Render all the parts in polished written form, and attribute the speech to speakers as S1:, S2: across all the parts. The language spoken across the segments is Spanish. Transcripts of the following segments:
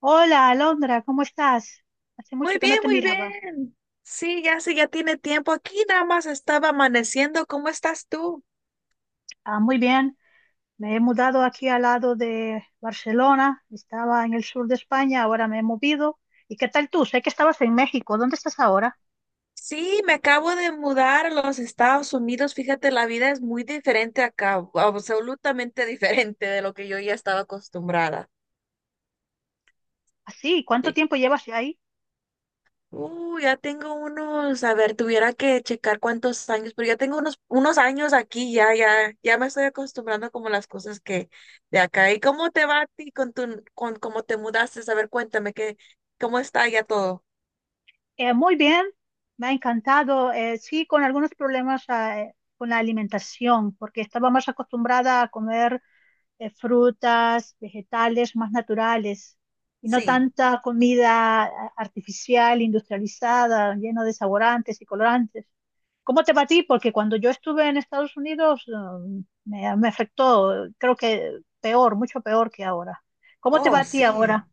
S1: Hola, Alondra, ¿cómo estás? Hace
S2: Muy
S1: mucho que no
S2: bien,
S1: te
S2: muy
S1: miraba.
S2: bien. Sí, ya sí, ya tiene tiempo. Aquí nada más estaba amaneciendo. ¿Cómo estás tú?
S1: Ah, muy bien, me he mudado aquí al lado de Barcelona, estaba en el sur de España, ahora me he movido. ¿Y qué tal tú? Sé que estabas en México, ¿dónde estás ahora?
S2: Sí, me acabo de mudar a los Estados Unidos. Fíjate, la vida es muy diferente acá, absolutamente diferente de lo que yo ya estaba acostumbrada.
S1: Así, ¿cuánto
S2: Y
S1: tiempo llevas ahí?
S2: Ya tengo unos, a ver, tuviera que checar cuántos años, pero ya tengo unos, unos años aquí, ya, ya, ya me estoy acostumbrando como a las cosas que de acá. ¿Y cómo te va a ti con tu, con cómo te mudaste? A ver, cuéntame que, cómo está ya todo.
S1: Muy bien, me ha encantado. Sí, con algunos problemas con la alimentación, porque estaba más acostumbrada a comer. Frutas, vegetales más naturales y no
S2: Sí.
S1: tanta comida artificial, industrializada, lleno de saborantes y colorantes. ¿Cómo te va a ti? Porque cuando yo estuve en Estados Unidos, me afectó, creo que peor, mucho peor que ahora. ¿Cómo te va
S2: Oh,
S1: a ti
S2: sí.
S1: ahora?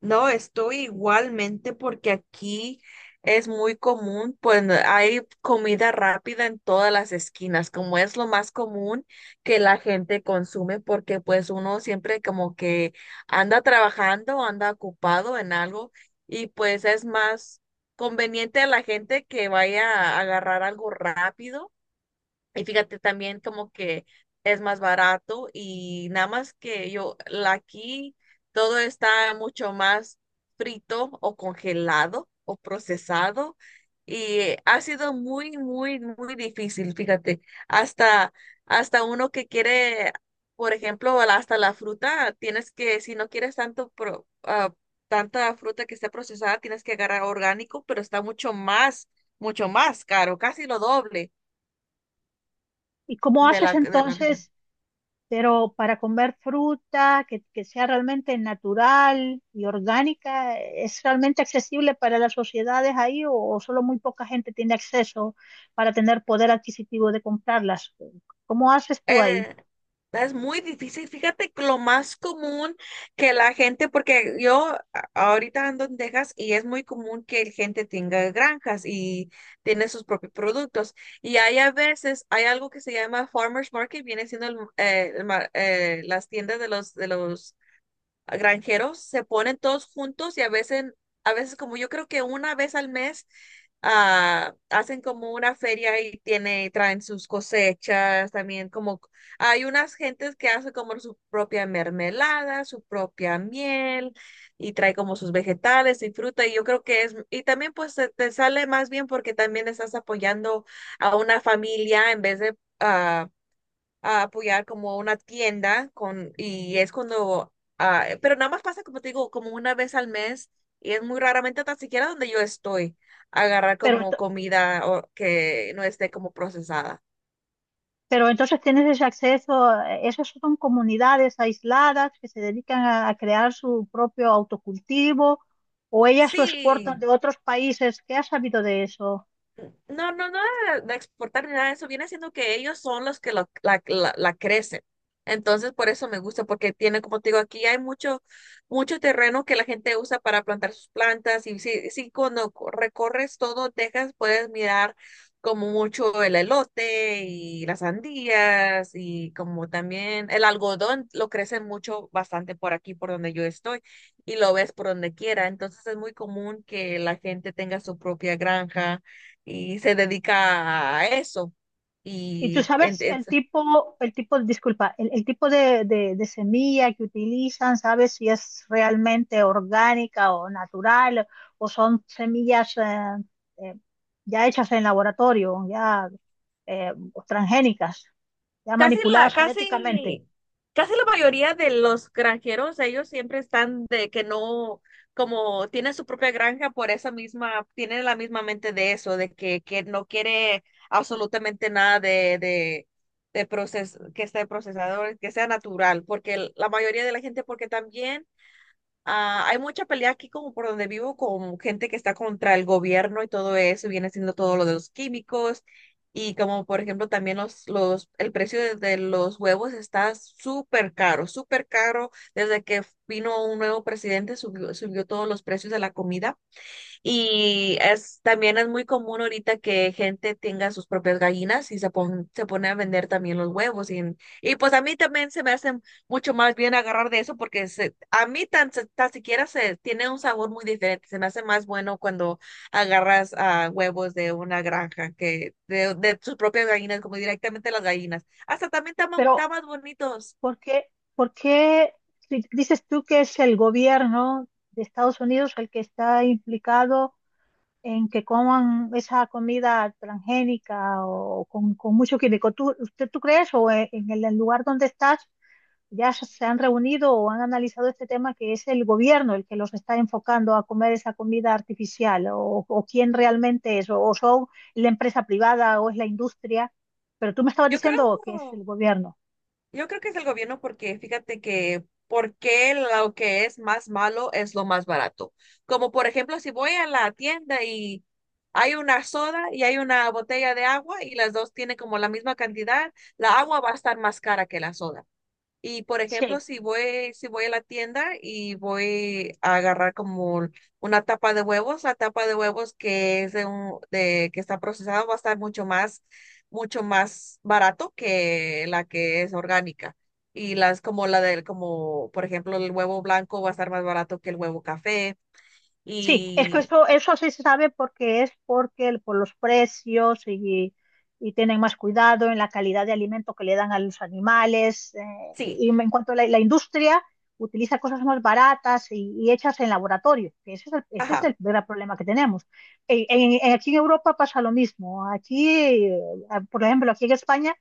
S2: No, estoy igualmente porque aquí es muy común, pues hay comida rápida en todas las esquinas, como es lo más común que la gente consume, porque pues uno siempre como que anda trabajando, anda ocupado en algo y pues es más conveniente a la gente que vaya a agarrar algo rápido y fíjate también como que es más barato y nada más que yo, aquí todo está mucho más frito o congelado o procesado y ha sido muy, muy, muy difícil, fíjate, hasta, hasta uno que quiere, por ejemplo, hasta la fruta, tienes que, si no quieres tanto, tanta fruta que esté procesada, tienes que agarrar orgánico, pero está mucho más caro, casi lo doble
S1: ¿Y cómo haces
S2: de la región.
S1: entonces pero para comer fruta que sea realmente natural y orgánica? ¿Es realmente accesible para las sociedades ahí o solo muy poca gente tiene acceso para tener poder adquisitivo de comprarlas? ¿Cómo haces tú ahí?
S2: Eh, es muy difícil. Fíjate que lo más común que la gente, porque yo ahorita ando en Texas y es muy común que la gente tenga granjas y tiene sus propios productos. Y hay a veces, hay algo que se llama Farmers Market, viene siendo las tiendas de los granjeros, se ponen todos juntos y a veces como yo creo que una vez al mes hacen como una feria y tiene, traen sus cosechas, también como hay unas gentes que hacen como su propia mermelada, su propia miel y trae como sus vegetales y fruta y yo creo que es, y también pues te sale más bien porque también estás apoyando a una familia en vez de... ah, a apoyar como una tienda con, y es cuando, pero nada más pasa, como te digo, como una vez al mes y es muy raramente tan siquiera donde yo estoy, agarrar
S1: Pero,
S2: como comida o que no esté como procesada.
S1: pero entonces tienes ese acceso, esas son comunidades aisladas que se dedican a crear su propio autocultivo o ellas lo exportan de
S2: Sí.
S1: otros países. ¿Qué has sabido de eso?
S2: No, no, no de exportar ni nada de eso. Viene siendo que ellos son los que la, la crecen. Entonces, por eso me gusta, porque tiene, como te digo, aquí hay mucho, mucho terreno que la gente usa para plantar sus plantas. Y si, si cuando recorres todo Texas, puedes mirar como mucho el elote y las sandías y como también el algodón, lo crecen mucho, bastante por aquí, por donde yo estoy, y lo ves por donde quiera. Entonces, es muy común que la gente tenga su propia granja y se dedica a eso.
S1: Y tú
S2: Y en-
S1: sabes
S2: es-
S1: el tipo, disculpa, el tipo de, de semilla que utilizan, ¿sabes si es realmente orgánica o natural o son semillas eh, ya hechas en laboratorio, ya eh, transgénicas, ya
S2: Casi la,
S1: manipuladas genéticamente?
S2: casi, casi la mayoría de los granjeros, ellos siempre están de que no, como tienen su propia granja, por esa misma, tienen la misma mente de eso, de que no quiere absolutamente nada de, de, que esté procesado, que sea natural, porque la mayoría de la gente, porque también hay mucha pelea aquí como por donde vivo con gente que está contra el gobierno y todo eso, y viene siendo todo lo de los químicos y como por ejemplo también el precio de los huevos está súper caro, súper caro. Desde que vino un nuevo presidente subió, subió todos los precios de la comida. Y es, también es muy común ahorita que gente tenga sus propias gallinas y se, se pone a vender también los huevos. Y pues a mí también se me hace mucho más bien agarrar de eso porque se, tan siquiera se tiene un sabor muy diferente. Se me hace más bueno cuando agarras huevos de una granja que de sus propias gallinas, como directamente las gallinas. Hasta también están
S1: Pero,
S2: más bonitos.
S1: ¿por qué, por qué si dices tú que es el gobierno de Estados Unidos el que está implicado en que coman esa comida transgénica o con mucho químico? ¿Tú, usted, ¿tú crees o en el lugar donde estás ya se han reunido o han analizado este tema, que es el gobierno el que los está enfocando a comer esa comida artificial, o quién realmente es o son la empresa privada o es la industria? Pero tú me estabas
S2: Yo
S1: diciendo que es
S2: creo.
S1: el gobierno.
S2: Yo creo que es el gobierno porque fíjate que porque lo que es más malo es lo más barato. Como por ejemplo, si voy a la tienda y hay una soda y hay una botella de agua y las dos tienen como la misma cantidad, la agua va a estar más cara que la soda. Y por ejemplo,
S1: Sí.
S2: si voy a la tienda y voy a agarrar como una tapa de huevos, la tapa de huevos que es de un, de que está procesada va a estar mucho más barato que la que es orgánica. Y las como la del, como por ejemplo el huevo blanco va a estar más barato que el huevo café.
S1: Sí, es que
S2: Y
S1: eso sí se sabe porque es porque por los precios y tienen más cuidado en la calidad de alimento que le dan a los animales.
S2: sí,
S1: Y en cuanto a la, la industria, utiliza cosas más baratas y hechas en laboratorio. Que ese es
S2: ajá,
S1: el gran problema que tenemos. Aquí en Europa pasa lo mismo. Aquí, eh, por ejemplo, aquí en España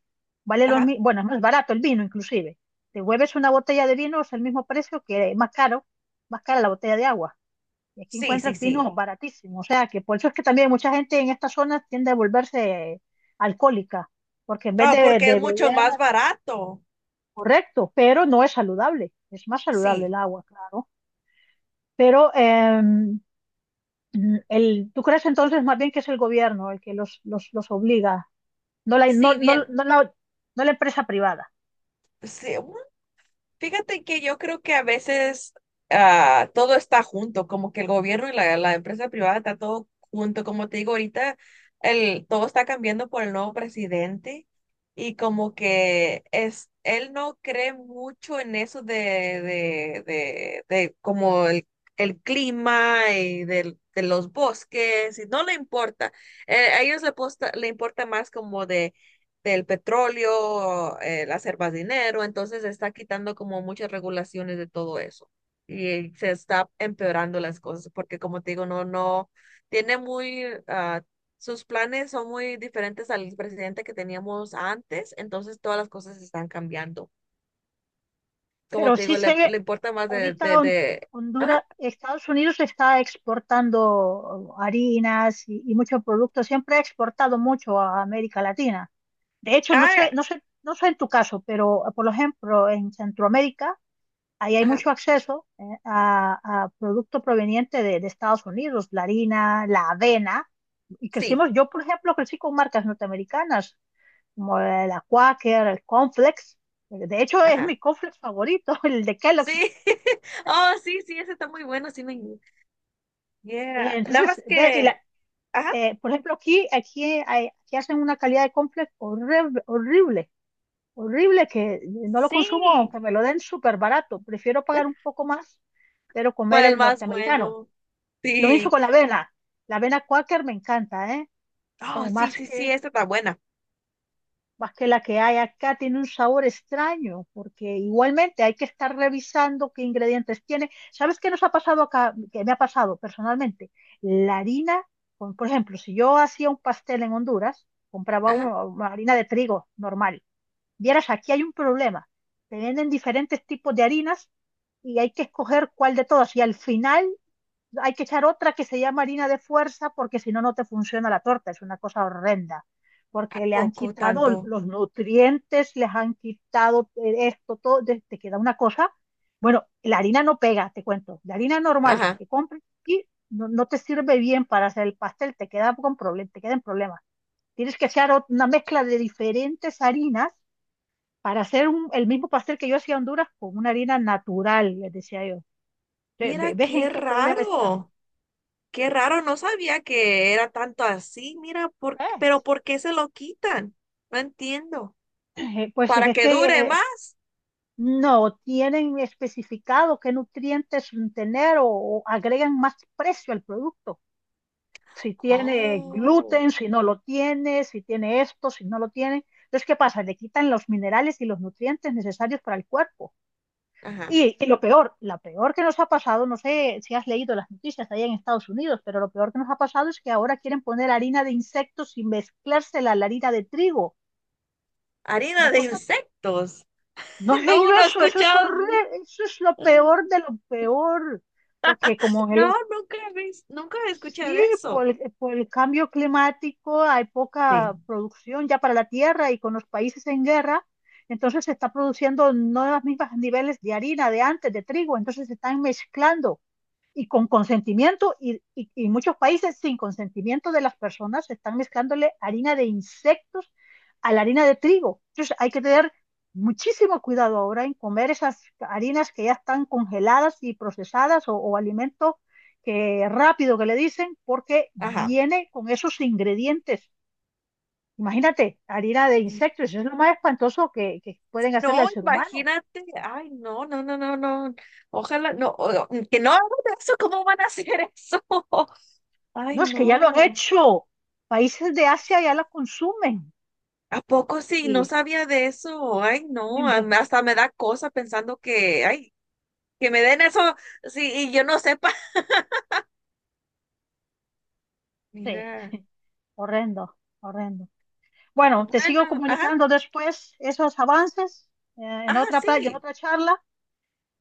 S1: vale lo
S2: ajá,
S1: mismo, bueno, es más barato el vino inclusive. Te vuelves una botella de vino, es el mismo precio que más caro, más cara la botella de agua. Y aquí
S2: sí, sí,
S1: encuentra
S2: sí.
S1: vinos baratísimos. O sea, que por eso es que también mucha gente en estas zonas tiende a volverse alcohólica, porque en vez
S2: No, porque es
S1: de
S2: mucho
S1: beber,
S2: más barato.
S1: correcto, pero no es saludable. Es más saludable el
S2: Sí,
S1: agua, claro. Pero el, ¿tú crees entonces más bien que es el gobierno el que los obliga, no la, no,
S2: sí,
S1: no,
S2: bien.
S1: no la, no la empresa privada?
S2: Sí, fíjate que yo creo que a veces todo está junto, como que el gobierno y la empresa privada está todo junto. Como te digo, ahorita el, todo está cambiando por el nuevo presidente y como que es, él no cree mucho en eso de como el clima y de los bosques y no le importa. A ellos le, le importa más como de del petróleo, el hacer más dinero, entonces se está quitando como muchas regulaciones de todo eso y se está empeorando las cosas porque como te digo, no, no, tiene muy, sus planes son muy diferentes al presidente que teníamos antes, entonces todas las cosas están cambiando. Como
S1: Pero
S2: te
S1: sí
S2: digo,
S1: sé
S2: le,
S1: que
S2: le importa más
S1: ahorita
S2: de, ajá,
S1: Honduras, Estados Unidos está exportando harinas y muchos productos. Siempre ha exportado mucho a América Latina. De hecho, no
S2: ah,
S1: sé, no sé, no sé en tu caso, pero por ejemplo, en Centroamérica, ahí hay
S2: ajá,
S1: mucho acceso, a productos provenientes de Estados Unidos, la harina, la avena. Y
S2: sí,
S1: crecimos, yo por ejemplo, crecí con marcas norteamericanas, como la Quaker, el Conflex. De hecho, es
S2: ajá.
S1: mi cornflakes favorito, el de Kellogg's.
S2: Sí, oh, sí, sí, ese está muy bueno, sí me, yeah, nada
S1: Entonces,
S2: más
S1: ver,
S2: que, ajá,
S1: por ejemplo, aquí, aquí, aquí hacen una calidad de complex horrible, horrible, horrible, que no lo consumo
S2: sí,
S1: aunque me lo den súper barato. Prefiero pagar un poco más, pero comer
S2: para el
S1: el
S2: más
S1: norteamericano.
S2: bueno.
S1: Lo mismo
S2: Sí.
S1: con la avena. La avena Quaker me encanta, ¿eh?
S2: Oh, sí,
S1: Más
S2: sí, sí,
S1: que...
S2: esta está buena.
S1: más que la que hay acá tiene un sabor extraño, porque igualmente hay que estar revisando qué ingredientes tiene. ¿Sabes qué nos ha pasado acá? ¿Qué me ha pasado personalmente? La harina, por ejemplo, si yo hacía un pastel en Honduras, compraba
S2: Ajá.
S1: una harina de trigo normal. Vieras, aquí hay un problema. Te venden diferentes tipos de harinas y hay que escoger cuál de todas. Y al final hay que echar otra que se llama harina de fuerza, porque si no, no te funciona la torta, es una cosa horrenda,
S2: ¿A
S1: porque le han
S2: poco
S1: quitado
S2: tanto?
S1: los nutrientes, les han quitado esto, todo, te queda una cosa. Bueno, la harina no pega, te cuento, la harina normal
S2: Ajá.
S1: que compres y no, no te sirve bien para hacer el pastel, te queda con problemas, te quedan problemas. Tienes que echar una mezcla de diferentes harinas para hacer un, el mismo pastel que yo hacía en Honduras con una harina natural, les decía yo.
S2: Mira,
S1: ¿Ves en
S2: qué
S1: qué problema estamos?
S2: raro. Qué raro, no sabía que era tanto así. Mira, por, pero
S1: ¿Ves?
S2: ¿por qué se lo quitan? No entiendo.
S1: Pues
S2: ¿Para
S1: es
S2: que
S1: que
S2: dure
S1: eh,
S2: más?
S1: no tienen especificado qué nutrientes tener, o agregan más precio al producto. Si tiene
S2: Oh,
S1: gluten, si no lo tiene, si tiene esto, si no lo tiene. Entonces, ¿qué pasa? Le quitan los minerales y los nutrientes necesarios para el cuerpo.
S2: ajá.
S1: Y lo peor, la peor que nos ha pasado, no sé si has leído las noticias allá en Estados Unidos, pero lo peor que nos ha pasado es que ahora quieren poner harina de insectos y mezclársela a la harina de trigo. Una
S2: Harina de
S1: cosa.
S2: insectos.
S1: ¿No has leído
S2: No, no he
S1: eso? Eso es
S2: escuchado.
S1: horrible, eso es lo peor de lo peor, porque como
S2: No,
S1: el,
S2: nunca he escuchado
S1: sí,
S2: eso.
S1: por el cambio climático hay poca
S2: Sí.
S1: producción ya para la tierra y con los países en guerra, entonces se está produciendo no los mismos niveles de harina de antes, de trigo, entonces se están mezclando y con consentimiento, y, muchos países sin consentimiento de las personas están mezclándole harina de insectos a la harina de trigo. Entonces hay que tener muchísimo cuidado ahora en comer esas harinas que ya están congeladas y procesadas o alimentos que rápido que le dicen, porque
S2: Ajá.
S1: viene con esos ingredientes. Imagínate, harina de insectos, eso es lo más espantoso que pueden hacerle
S2: No,
S1: al ser humano.
S2: imagínate, ay, no, no, no, no, no, ojalá, que no hagan eso, ¿cómo van a hacer eso? Ay,
S1: No, es que ya lo han
S2: no,
S1: hecho. Países de Asia ya la consumen
S2: ¿a poco sí? No
S1: y
S2: sabía de eso, ay, no,
S1: Imbe-
S2: hasta me da cosa pensando que, ay, que me den eso, sí, y yo no sepa.
S1: sí,
S2: Mira,
S1: horrendo, horrendo. Bueno, te sigo
S2: bueno, ajá,
S1: comunicando después esos avances, eh, en
S2: ajá,
S1: otra playa, en
S2: sí,
S1: otra charla.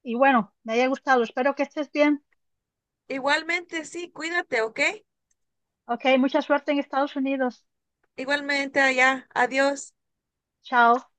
S1: Y bueno, me haya gustado. Espero que estés bien.
S2: igualmente, sí, cuídate, ¿ok?
S1: Ok, mucha suerte en Estados Unidos.
S2: Igualmente allá, adiós.
S1: Chao.